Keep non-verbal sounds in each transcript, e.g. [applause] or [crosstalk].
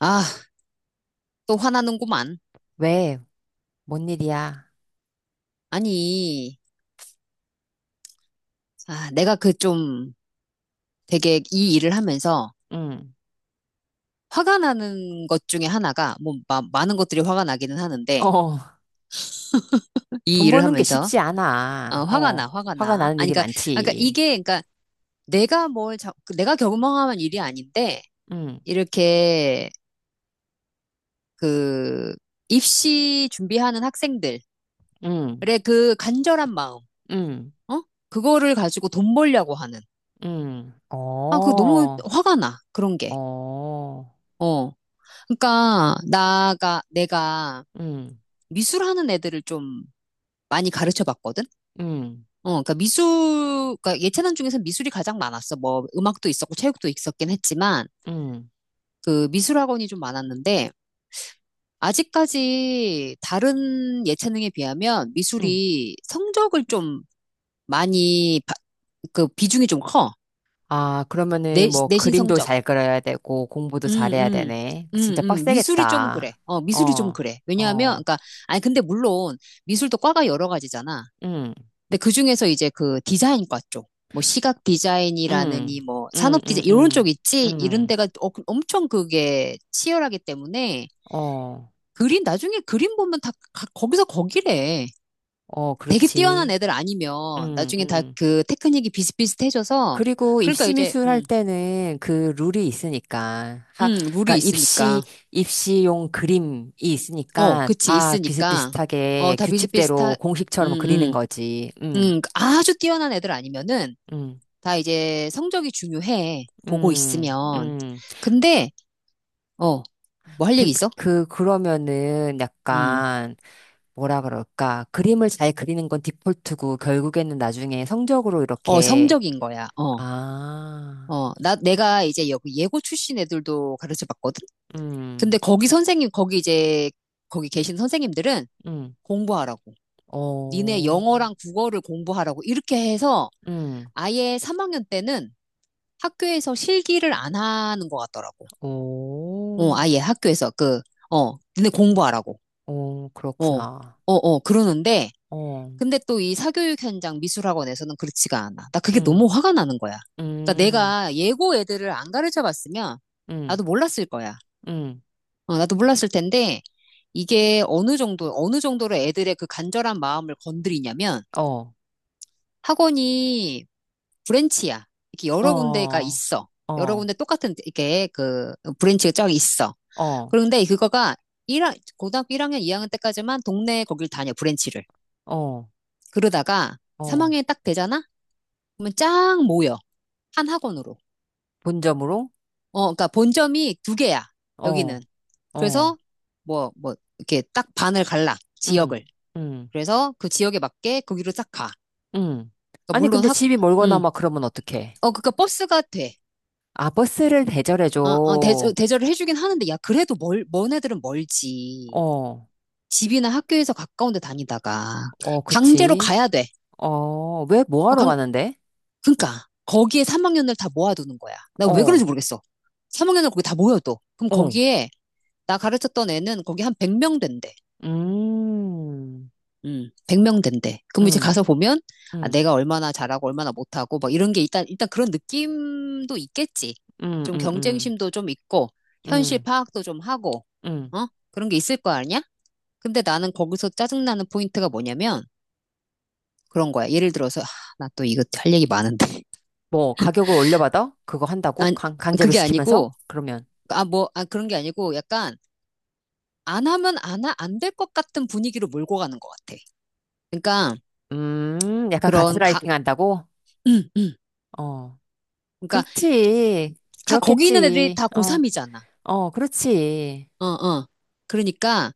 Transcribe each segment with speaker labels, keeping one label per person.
Speaker 1: 아, 또 화나는구만.
Speaker 2: 왜? 뭔 일이야?
Speaker 1: 아니, 내가 그 좀 되게 이 일을 하면서
Speaker 2: 응.
Speaker 1: 화가 나는 것 중에 하나가, 뭐, 많은 것들이 화가 나기는 하는데,
Speaker 2: 어,
Speaker 1: 이
Speaker 2: 돈
Speaker 1: 일을
Speaker 2: 버는 게
Speaker 1: 하면서,
Speaker 2: 쉽지 않아.
Speaker 1: 화가 나,
Speaker 2: 어,
Speaker 1: 화가
Speaker 2: 화가
Speaker 1: 나.
Speaker 2: 나는
Speaker 1: 아니,
Speaker 2: 일이
Speaker 1: 그러니까
Speaker 2: 많지.
Speaker 1: 이게, 그러니까 내가 뭘, 자, 그 내가 경험한 일이 아닌데,
Speaker 2: 응,
Speaker 1: 이렇게 그 입시 준비하는 학생들의
Speaker 2: 응,
Speaker 1: 그 간절한 마음,
Speaker 2: 응,
Speaker 1: 어? 그거를 가지고 돈 벌려고 하는.
Speaker 2: 응. 어,
Speaker 1: 아, 그거 너무 화가 나, 그런 게.
Speaker 2: 어,
Speaker 1: 어. 그러니까 나가 내가
Speaker 2: 응,
Speaker 1: 미술하는 애들을 좀 많이 가르쳐 봤거든.
Speaker 2: 응,
Speaker 1: 그러니까 미술, 그러니까 예체능 중에서 미술이 가장 많았어. 뭐 음악도 있었고 체육도 있었긴 했지만
Speaker 2: 응,
Speaker 1: 그 미술 학원이 좀 많았는데 아직까지 다른 예체능에 비하면
Speaker 2: 응.
Speaker 1: 미술이 성적을 좀 많이 그 비중이 좀 커.
Speaker 2: 아,
Speaker 1: 내,
Speaker 2: 그러면은 뭐
Speaker 1: 내신
Speaker 2: 그림도
Speaker 1: 성적.
Speaker 2: 잘 그려야 되고 공부도
Speaker 1: 음,
Speaker 2: 잘해야
Speaker 1: 음.
Speaker 2: 되네. 그 진짜
Speaker 1: 미술이 좀 그래.
Speaker 2: 빡세겠다.
Speaker 1: 미술이 좀
Speaker 2: 어,
Speaker 1: 그래. 왜냐하면,
Speaker 2: 어,
Speaker 1: 그러니까, 아니, 근데 물론, 미술도 과가 여러 가지잖아.
Speaker 2: 응,
Speaker 1: 근데 그 중에서 이제 그 디자인과 쪽, 뭐 시각 디자인이라느니
Speaker 2: 응,
Speaker 1: 뭐
Speaker 2: 응,
Speaker 1: 산업 디자인
Speaker 2: 응,
Speaker 1: 이런
Speaker 2: 응,
Speaker 1: 쪽 있지 이런
Speaker 2: 응,
Speaker 1: 데가 그 엄청 그게 치열하기 때문에
Speaker 2: 어,
Speaker 1: 그림 나중에 그림 보면 거기서 거기래.
Speaker 2: 어,
Speaker 1: 되게 뛰어난
Speaker 2: 그렇지.
Speaker 1: 애들 아니면
Speaker 2: 응,
Speaker 1: 나중에 다
Speaker 2: 응.
Speaker 1: 그 테크닉이 비슷비슷해져서
Speaker 2: 그리고
Speaker 1: 그러니까
Speaker 2: 입시
Speaker 1: 이제
Speaker 2: 미술 할 때는 그 룰이 있으니까 하
Speaker 1: 룰이
Speaker 2: 그러니까 입시
Speaker 1: 있으니까
Speaker 2: 입시용 그림이
Speaker 1: 어,
Speaker 2: 있으니까
Speaker 1: 그치
Speaker 2: 다
Speaker 1: 있으니까 어,
Speaker 2: 비슷비슷하게
Speaker 1: 다 비슷비슷하
Speaker 2: 규칙대로 공식처럼 그리는
Speaker 1: 음,
Speaker 2: 거지. 음.
Speaker 1: 아주 뛰어난 애들 아니면은
Speaker 2: 음.
Speaker 1: 다 이제 성적이 중요해. 보고
Speaker 2: 음.
Speaker 1: 있으면.
Speaker 2: 음.
Speaker 1: 근데, 어, 뭐 할 얘기
Speaker 2: 그,
Speaker 1: 있어?
Speaker 2: 그 그러면은
Speaker 1: 음,
Speaker 2: 약간 뭐라 그럴까? 그림을 잘 그리는 건 디폴트고 결국에는 나중에 성적으로 이렇게
Speaker 1: 성적인 거야. 어,
Speaker 2: 아.
Speaker 1: 내가 이제 여기 예고 출신 애들도 가르쳐 봤거든? 근데
Speaker 2: 음.
Speaker 1: 거기 계신 선생님들은
Speaker 2: 음.
Speaker 1: 공부하라고. 니네
Speaker 2: 어.
Speaker 1: 영어랑 국어를 공부하라고. 이렇게 해서
Speaker 2: 음.
Speaker 1: 아예 3학년 때는 학교에서 실기를 안 하는 것 같더라고. 아예
Speaker 2: 오.
Speaker 1: 학교에서 니네 공부하라고.
Speaker 2: 오,
Speaker 1: 어, 어,
Speaker 2: 그렇구나.
Speaker 1: 그러는데,
Speaker 2: 어,
Speaker 1: 근데 또 이 사교육 현장 미술학원에서는 그렇지가 않아. 나 그게
Speaker 2: 응,
Speaker 1: 너무 화가 나는 거야. 그러니까
Speaker 2: 응,
Speaker 1: 내가 예고 애들을 안 가르쳐 봤으면
Speaker 2: 응,
Speaker 1: 나도 몰랐을 거야.
Speaker 2: 응,
Speaker 1: 나도 몰랐을 텐데 이게 어느 정도, 어느 정도로 애들의 그 간절한 마음을 건드리냐면
Speaker 2: 어,
Speaker 1: 학원이 브랜치야. 이렇게
Speaker 2: 어,
Speaker 1: 여러 군데가
Speaker 2: 어,
Speaker 1: 있어. 여러
Speaker 2: 어,
Speaker 1: 군데 똑같은 이렇게 그 브랜치가 쫙 있어.
Speaker 2: 어,
Speaker 1: 그런데 그거가 일학 고등학교 1학년, 2학년 때까지만 동네 거길 다녀, 브랜치를.
Speaker 2: 어,
Speaker 1: 그러다가
Speaker 2: 어.
Speaker 1: 3학년이 딱 되잖아? 그러면 쫙 모여. 한 학원으로.
Speaker 2: 본점으로?
Speaker 1: 어, 그러니까 본점이 두 개야. 여기는.
Speaker 2: 어, 어,
Speaker 1: 그래서 이렇게 딱 반을 갈라.
Speaker 2: 응,
Speaker 1: 지역을.
Speaker 2: 응,
Speaker 1: 그래서 그 지역에 맞게 거기로 딱 가.
Speaker 2: 응.
Speaker 1: 그러니까
Speaker 2: 아니, 근데 집이 멀거나
Speaker 1: 음.
Speaker 2: 막 그러면 어떡해?
Speaker 1: 그러니까 버스가 돼.
Speaker 2: 아, 버스를 대절해줘. 어,
Speaker 1: 대절을 해주긴 하는데, 야, 그래도 먼 애들은 멀지.
Speaker 2: 어,
Speaker 1: 집이나 학교에서 가까운 데 다니다가. 강제로
Speaker 2: 그치.
Speaker 1: 가야 돼.
Speaker 2: 어, 왜, 뭐
Speaker 1: 어,
Speaker 2: 하러
Speaker 1: 강,
Speaker 2: 가는데?
Speaker 1: 그러니까. 거기에 3학년을 다 모아두는 거야. 나 왜 그런지
Speaker 2: 어,
Speaker 1: 모르겠어. 3학년을 거기 다 모여 또. 그럼
Speaker 2: 어,
Speaker 1: 거기에 나 가르쳤던 애는 거기 한 100명 된대.
Speaker 2: 음,
Speaker 1: 100명 된대. 그럼 이제
Speaker 2: 음,
Speaker 1: 가서 보면,
Speaker 2: 음,
Speaker 1: 아,
Speaker 2: 음,
Speaker 1: 내가 얼마나 잘하고 얼마나 못하고, 막 이런 게 일단 그런 느낌도 있겠지.
Speaker 2: 음,
Speaker 1: 좀
Speaker 2: 음,
Speaker 1: 경쟁심도 좀 있고, 현실
Speaker 2: 음.
Speaker 1: 파악도 좀 하고,
Speaker 2: 음.
Speaker 1: 어? 그런 게 있을 거 아니야? 근데 나는 거기서 짜증나는 포인트가 뭐냐면, 그런 거야. 예를 들어서, 아, 나또 이거 할 얘기 많은데. [laughs]
Speaker 2: 뭐 가격을 올려받아? 그거 한다고?
Speaker 1: 아
Speaker 2: 강, 강제로
Speaker 1: 그게
Speaker 2: 시키면서?
Speaker 1: 아니고,
Speaker 2: 그러면
Speaker 1: 그런 게 아니고, 약간, 안 하면 안, 안 될 것 같은 분위기로 몰고 가는 것 같아. 그러니까,
Speaker 2: 약간
Speaker 1: 그런 가,
Speaker 2: 가스라이팅 한다고?
Speaker 1: [clears throat]
Speaker 2: 어.
Speaker 1: 그러니까
Speaker 2: 그렇지.
Speaker 1: 다 거기 있는 애들이
Speaker 2: 그렇겠지.
Speaker 1: 다
Speaker 2: 어.
Speaker 1: 고3이잖아.
Speaker 2: 어, 그렇지.
Speaker 1: 어, 어. 그러니까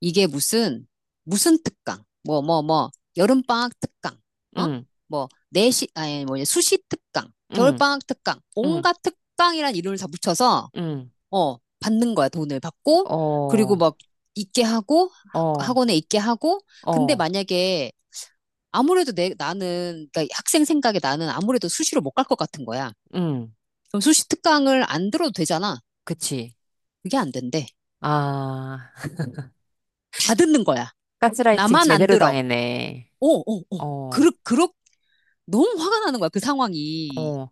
Speaker 1: 이게 무슨 특강? 여름방학 특강. 어?
Speaker 2: 응.
Speaker 1: 뭐 내시 아니 뭐냐 수시 특강,
Speaker 2: 응.
Speaker 1: 겨울방학 특강.
Speaker 2: 응.
Speaker 1: 온갖 특강이란 이름을 다 붙여서
Speaker 2: 응.
Speaker 1: 받는 거야. 돈을 받고 그리고
Speaker 2: 어.
Speaker 1: 막 있게 하고
Speaker 2: 어.
Speaker 1: 학원에 있게 하고 근데
Speaker 2: 어.
Speaker 1: 만약에 아무래도 내 나는 그러니까 학생 생각에 나는 아무래도 수시로 못 갈 것 같은 거야.
Speaker 2: 응.
Speaker 1: 그럼 수시 특강을 안 들어도 되잖아.
Speaker 2: 그치.
Speaker 1: 그게 안 된대.
Speaker 2: 아,
Speaker 1: 다 듣는 거야.
Speaker 2: 가스라이팅
Speaker 1: 나만 안
Speaker 2: 제대로
Speaker 1: 들어.
Speaker 2: 당했네.
Speaker 1: 오, 오, 오.
Speaker 2: 어.
Speaker 1: 너무 화가 나는 거야, 그 상황이.
Speaker 2: 어.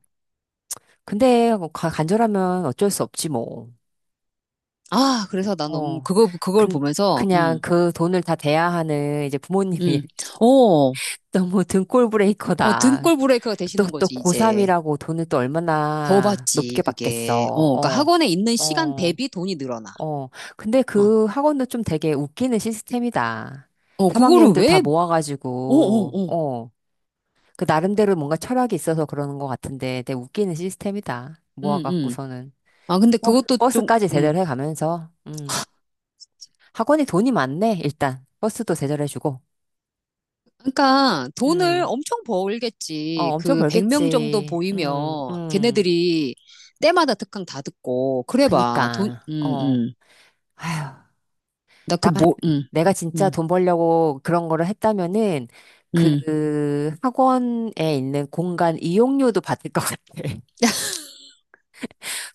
Speaker 2: 근데 뭐 가- 간절하면 어쩔 수 없지 뭐.
Speaker 1: 그래서 나 너무,
Speaker 2: 어.
Speaker 1: 그걸
Speaker 2: 근
Speaker 1: 보면서,
Speaker 2: 그냥 그 돈을 다 대야 하는 이제 부모님이
Speaker 1: 음. 어,
Speaker 2: 너무 등골
Speaker 1: 어,
Speaker 2: 브레이커다.
Speaker 1: 등골 브레이크가
Speaker 2: 또,
Speaker 1: 되시는
Speaker 2: 또
Speaker 1: 거지, 이제.
Speaker 2: 고3이라고 돈을 또
Speaker 1: 더
Speaker 2: 얼마나
Speaker 1: 받지,
Speaker 2: 높게
Speaker 1: 그게.
Speaker 2: 받겠어.
Speaker 1: 어, 그러니까
Speaker 2: 어,
Speaker 1: 학원에 있는 시간
Speaker 2: 어,
Speaker 1: 대비 돈이 늘어나.
Speaker 2: 어. 근데
Speaker 1: 어,
Speaker 2: 그 학원도 좀 되게 웃기는 시스템이다.
Speaker 1: 그거를
Speaker 2: 3학년들 다
Speaker 1: 왜, 어, 어,
Speaker 2: 모아가지고,
Speaker 1: 어.
Speaker 2: 어. 그 나름대로 뭔가 철학이 있어서 그러는 것 같은데 되게 웃기는 시스템이다.
Speaker 1: 음, 음.
Speaker 2: 모아갖고서는.
Speaker 1: 아, 근데
Speaker 2: 버,
Speaker 1: 그것도 좀,
Speaker 2: 버스까지 대절해 가면서, 학원이 돈이 많네, 일단. 버스도 대절해주고.
Speaker 1: 그러니까 돈을
Speaker 2: 음.
Speaker 1: 엄청
Speaker 2: 어,
Speaker 1: 벌겠지.
Speaker 2: 엄청
Speaker 1: 그 100명 정도
Speaker 2: 벌겠지.
Speaker 1: 보이면 걔네들이 때마다 특강 다 듣고 그래 봐. 돈
Speaker 2: 그니까, 어, 아휴,
Speaker 1: 나 그
Speaker 2: 나,
Speaker 1: 뭐
Speaker 2: 내가 진짜
Speaker 1: 음.
Speaker 2: 돈 벌려고 그런 거를 했다면은,
Speaker 1: 음.
Speaker 2: 그 학원에 있는 공간 이용료도 받을 것 같아.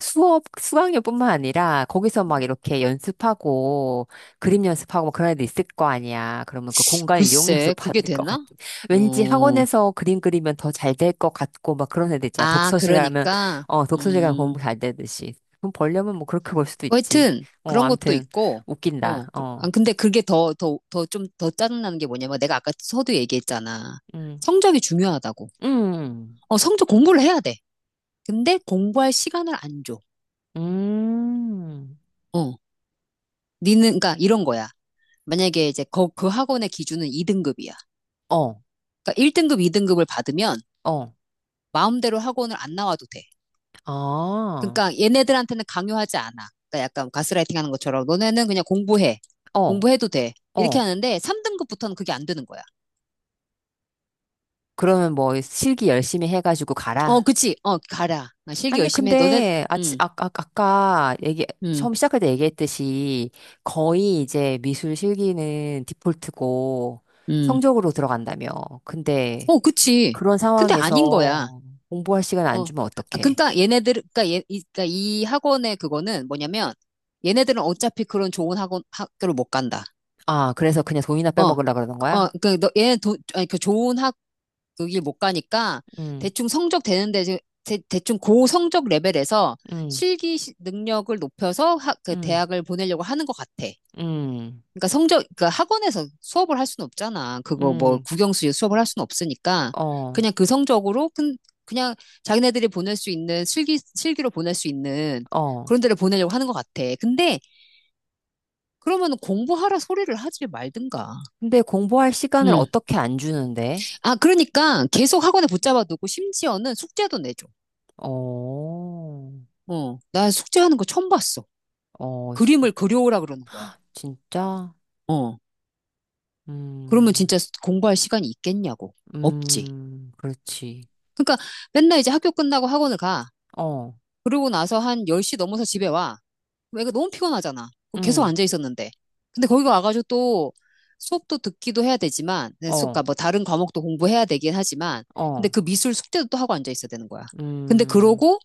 Speaker 2: 수업, 수강료뿐만 아니라 거기서 막 이렇게 연습하고 그림 연습하고 막 그런 애들 있을 거 아니야. 그러면 그 공간 이용료도 [laughs]
Speaker 1: 글쎄, 그게
Speaker 2: 받을 것
Speaker 1: 되나?
Speaker 2: 같아. 왠지
Speaker 1: 어.
Speaker 2: 학원에서 그림 그리면 더 잘 될 것 같고 막 그런 애들 있잖아.
Speaker 1: 아,
Speaker 2: 독서실 가면,
Speaker 1: 그러니까
Speaker 2: 어, 독서실 가면
Speaker 1: 음.
Speaker 2: 공부 잘 되듯이. 돈 벌려면 뭐 그렇게 벌 수도
Speaker 1: 뭐
Speaker 2: 있지.
Speaker 1: 하여튼
Speaker 2: 어,
Speaker 1: 그런 것도
Speaker 2: 암튼,
Speaker 1: 있고
Speaker 2: 웃긴다.
Speaker 1: 어. 아,
Speaker 2: 어,
Speaker 1: 근데 그게 더 짜증나는 게 뭐냐면 내가 아까 서두 얘기했잖아.
Speaker 2: 음,
Speaker 1: 성적이 중요하다고.
Speaker 2: 음,
Speaker 1: 어, 성적 공부를 해야 돼. 근데 공부할 시간을 안 줘.
Speaker 2: 음,
Speaker 1: 어. 니는, 그러니까 이런 거야. 만약에 그 학원의 기준은 2등급이야.
Speaker 2: 어,
Speaker 1: 그러니까 1등급, 2등급을 받으면
Speaker 2: 어,
Speaker 1: 마음대로 학원을 안 나와도 돼.
Speaker 2: 아,
Speaker 1: 그러니까 얘네들한테는 강요하지 않아. 그러니까 약간 가스라이팅 하는 것처럼 너네는 그냥 공부해.
Speaker 2: 어,
Speaker 1: 공부해도 돼.
Speaker 2: 어.
Speaker 1: 이렇게 하는데 3등급부터는 그게 안 되는 거야.
Speaker 2: 그러면 뭐 실기 열심히 해가지고
Speaker 1: 어,
Speaker 2: 가라.
Speaker 1: 그치. 어, 가라. 나 실기
Speaker 2: 아니,
Speaker 1: 열심히 해.
Speaker 2: 근데, 아,
Speaker 1: 음,
Speaker 2: 아, 아, 아까 얘기,
Speaker 1: 음,
Speaker 2: 처음 시작할 때 얘기했듯이 거의 이제 미술 실기는 디폴트고
Speaker 1: 음.
Speaker 2: 성적으로 들어간다며. 근데
Speaker 1: 어, 그치.
Speaker 2: 그런
Speaker 1: 근데 아닌 거야.
Speaker 2: 상황에서 공부할 시간 안
Speaker 1: 어.
Speaker 2: 주면
Speaker 1: 아,
Speaker 2: 어떡해?
Speaker 1: 그러니까 얘네들, 그러니까, 얘, 이, 그러니까 이 학원의 그거는 뭐냐면 얘네들은 어차피 그런 좋은 학원 학교를 못 간다.
Speaker 2: 아, 그래서 그냥 돈이나
Speaker 1: 어,
Speaker 2: 빼먹으려 그러는
Speaker 1: 어,
Speaker 2: 거야?
Speaker 1: 그 너, 얘는 돈, 아니 그 좋은 학 그길 못 가니까
Speaker 2: 응,
Speaker 1: 대충 성적 되는데 대충 고 성적 레벨에서
Speaker 2: 응,
Speaker 1: 능력을 높여서 그
Speaker 2: 응,
Speaker 1: 대학을 보내려고 하는 것 같아.
Speaker 2: 응,
Speaker 1: 그러니까 학원에서 수업을 할 수는 없잖아. 그거 뭐
Speaker 2: 응,
Speaker 1: 국영수 수업을 할 수는 없으니까
Speaker 2: 어,
Speaker 1: 그냥 그 성적으로 그, 그냥 자기네들이 보낼 수 있는 실기로 보낼 수 있는
Speaker 2: 어.
Speaker 1: 그런 데를 보내려고 하는 것 같아. 근데 그러면 공부하라 소리를 하지 말든가.
Speaker 2: 근데 공부할 시간을
Speaker 1: 음.
Speaker 2: 어떻게 안 주는데?
Speaker 1: 아 그러니까 계속 학원에 붙잡아두고 심지어는 숙제도 내줘.
Speaker 2: 어,
Speaker 1: 어, 나 숙제하는 거 처음 봤어.
Speaker 2: 어,
Speaker 1: 그림을 그려오라 그러는 거야.
Speaker 2: 진짜?
Speaker 1: 어, 그러면
Speaker 2: 음.
Speaker 1: 진짜 공부할 시간이 있겠냐고. 없지.
Speaker 2: 그렇지.
Speaker 1: 그러니까 맨날 이제 학교 끝나고 학원을 가.
Speaker 2: 어,
Speaker 1: 그러고 나서 한 10시 넘어서 집에 와. 그럼 애가 너무 피곤하잖아. 그럼 계속
Speaker 2: 응,
Speaker 1: 앉아 있었는데. 근데 거기 와가지고 또 수업도 듣기도 해야 되지만, 네, 수,
Speaker 2: 어,
Speaker 1: 그러니까 뭐 다른 과목도 공부해야 되긴 하지만, 근데
Speaker 2: 어,
Speaker 1: 그 미술 숙제도 또 하고 앉아 있어야 되는 거야. 근데
Speaker 2: 음.
Speaker 1: 그러고,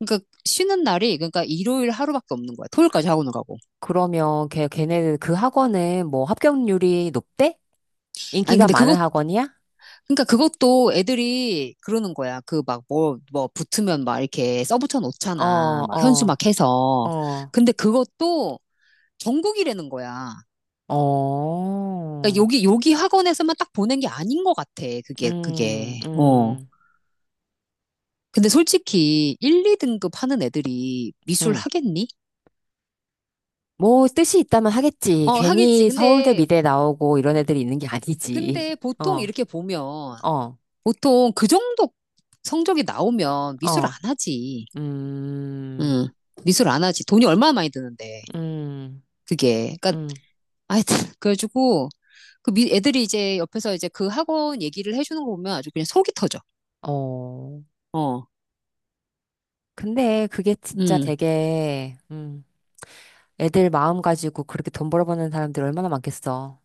Speaker 1: 그러니까 그러니까 일요일 하루밖에 없는 거야. 토요일까지 학원을 가고.
Speaker 2: 그러면 걔, 걔네는 그 학원은 뭐 합격률이 높대?
Speaker 1: 아니,
Speaker 2: 인기가 많은 학원이야?
Speaker 1: 그러니까 그것도 애들이 그러는 거야. 그 막 뭐 붙으면 막 이렇게 써붙여
Speaker 2: 어,
Speaker 1: 놓잖아. 막 현수
Speaker 2: 어,
Speaker 1: 막 해서.
Speaker 2: 어,
Speaker 1: 근데 그것도 전국이라는 거야. 그러니까
Speaker 2: 어,
Speaker 1: 여기 학원에서만 딱 보낸 게 아닌 것 같아.
Speaker 2: 음,
Speaker 1: 그게. 어.
Speaker 2: 음,
Speaker 1: 근데 솔직히 1, 2등급 하는 애들이 미술
Speaker 2: 음.
Speaker 1: 하겠니?
Speaker 2: 뭐 뜻이 있다면 하겠지.
Speaker 1: 어, 하겠지.
Speaker 2: 괜히 서울대
Speaker 1: 근데,
Speaker 2: 미대 나오고 이런
Speaker 1: 음,
Speaker 2: 애들이 있는 게 아니지.
Speaker 1: 근데
Speaker 2: [laughs]
Speaker 1: 보통
Speaker 2: 어,
Speaker 1: 이렇게 보면,
Speaker 2: 어,
Speaker 1: 보통 그 정도 성적이 나오면 미술 안
Speaker 2: 어,
Speaker 1: 하지.
Speaker 2: 음,
Speaker 1: 음 미술 안 하지. 돈이 얼마나 많이 드는데.
Speaker 2: 음,
Speaker 1: 그게. 그러니까,
Speaker 2: 음,
Speaker 1: 하여튼, [laughs] 그래가지고, 애들이 이제 옆에서 이제 그 학원 얘기를 해주는 거 보면 아주 그냥 속이 터져.
Speaker 2: 어.
Speaker 1: 어,
Speaker 2: 근데 그게 진짜
Speaker 1: 음.
Speaker 2: 되게, 애들 마음 가지고 그렇게 돈 벌어버는 사람들 얼마나 많겠어.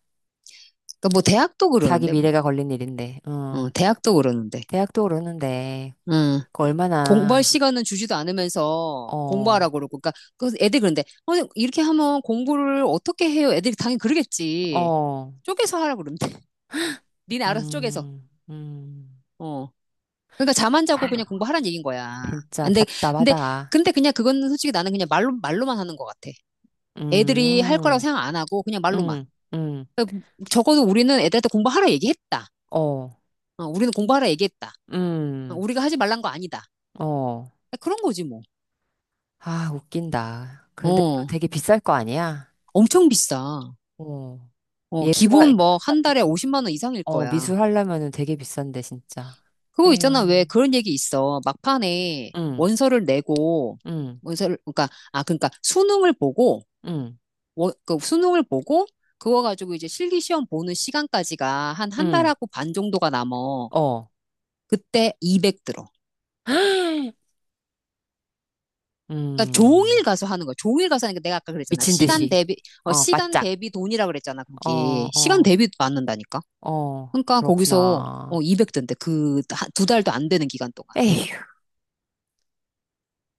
Speaker 1: 그러니까 뭐 대학도
Speaker 2: 자기
Speaker 1: 그러는데 뭐.
Speaker 2: 미래가 걸린 일인데,
Speaker 1: 어,
Speaker 2: 응.
Speaker 1: 대학도 그러는데.
Speaker 2: 대학도 오르는데,
Speaker 1: 음,
Speaker 2: 그
Speaker 1: 공부할
Speaker 2: 얼마나,
Speaker 1: 시간은 주지도 않으면서
Speaker 2: 어,
Speaker 1: 공부하라고 그러고. 그러니까 그 애들 그런데 어, 이렇게 하면 공부를 어떻게 해요? 애들이 당연히 그러겠지.
Speaker 2: 어,
Speaker 1: 쪼개서 하라고 그러는데. [laughs] 니네 알아서 쪼개서.
Speaker 2: 음, 음,
Speaker 1: 어. 그러니까 잠 안 자고 그냥 공부하라는 얘기인 거야.
Speaker 2: 진짜
Speaker 1: 근데 근데
Speaker 2: 답답하다.
Speaker 1: 근데 그냥 그건 솔직히 나는 그냥 말로만 하는 것 같아. 애들이 할 거라고
Speaker 2: 음,
Speaker 1: 생각 안 하고 그냥 말로만.
Speaker 2: 음, 음,
Speaker 1: 그러니까 적어도 우리는 애들한테 공부하라 얘기했다.
Speaker 2: 어,
Speaker 1: 어, 우리는 공부하라 얘기했다. 어,
Speaker 2: 음,
Speaker 1: 우리가 하지 말란 거 아니다.
Speaker 2: 어.
Speaker 1: 그러니까 그런 거지 뭐.
Speaker 2: 아, 웃긴다. 그런데 또
Speaker 1: 어.
Speaker 2: 되게 비쌀 거 아니야?
Speaker 1: 엄청 비싸.
Speaker 2: 어.
Speaker 1: 어, 기본
Speaker 2: 예술학, 그,
Speaker 1: 뭐 한
Speaker 2: 같은
Speaker 1: 달에 50만 원 이상일
Speaker 2: 어,
Speaker 1: 거야.
Speaker 2: 미술 하려면은 되게 비싼데, 진짜.
Speaker 1: 그거 있잖아. 왜
Speaker 2: 에휴.
Speaker 1: 그런 얘기 있어. 막판에
Speaker 2: 응,
Speaker 1: 원서를 내고
Speaker 2: 응,
Speaker 1: 원서를 그러니까 아 그러니까 수능을 보고
Speaker 2: 응,
Speaker 1: 원, 그 수능을 보고 그거 가지고 이제 실기 시험 보는 시간까지가 한 한
Speaker 2: 응,
Speaker 1: 달하고 반 정도가 남어.
Speaker 2: 어.
Speaker 1: 그때 200 들어.
Speaker 2: [gasps]
Speaker 1: 그러니까
Speaker 2: 음,
Speaker 1: 종일 가서 하는 거야. 종일 가서 하니까 내가 아까 그랬잖아.
Speaker 2: 미친 듯이. 어,
Speaker 1: 시간
Speaker 2: 바짝.
Speaker 1: 대비 돈이라 그랬잖아.
Speaker 2: 어,
Speaker 1: 거기. 시간
Speaker 2: 어,
Speaker 1: 대비 받는다니까.
Speaker 2: 어,
Speaker 1: 그러니까 거기서 어
Speaker 2: 그렇구나.
Speaker 1: 200 든대. 그 두 달도 안 되는 기간 동안.
Speaker 2: 에휴,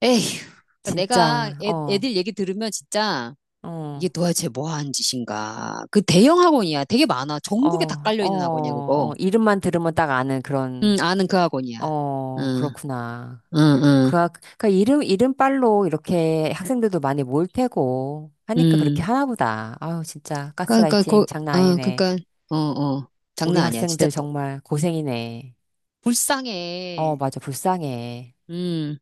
Speaker 1: 에휴, 그러니까 내가
Speaker 2: 진짜, 어,
Speaker 1: 애들 얘기 들으면 진짜
Speaker 2: 어,
Speaker 1: 이게 도대체 뭐 하는 짓인가. 그 대형 학원이야. 되게 많아.
Speaker 2: 어,
Speaker 1: 전국에 다 깔려
Speaker 2: 어,
Speaker 1: 있는 학원이야, 그거.
Speaker 2: 어, 이름만 들으면 딱 아는
Speaker 1: 응,
Speaker 2: 그런,
Speaker 1: 아는 그 학원이야.
Speaker 2: 어,
Speaker 1: 응,
Speaker 2: 그렇구나.
Speaker 1: 응, 응,
Speaker 2: 그, 학- 그러니까 이름, 이름빨로 이렇게 학생들도 많이 모일 테고 하니까 그렇게
Speaker 1: 응.
Speaker 2: 하나 보다. 아유, 진짜
Speaker 1: 그러니까
Speaker 2: 가스라이팅 장난
Speaker 1: 아,
Speaker 2: 아니네.
Speaker 1: 그러니까 어, 어,
Speaker 2: 우리
Speaker 1: 장난 아니야. 진짜
Speaker 2: 학생들
Speaker 1: 또
Speaker 2: 정말 고생이네. 어,
Speaker 1: 불쌍해.
Speaker 2: 맞아, 불쌍해.
Speaker 1: 음.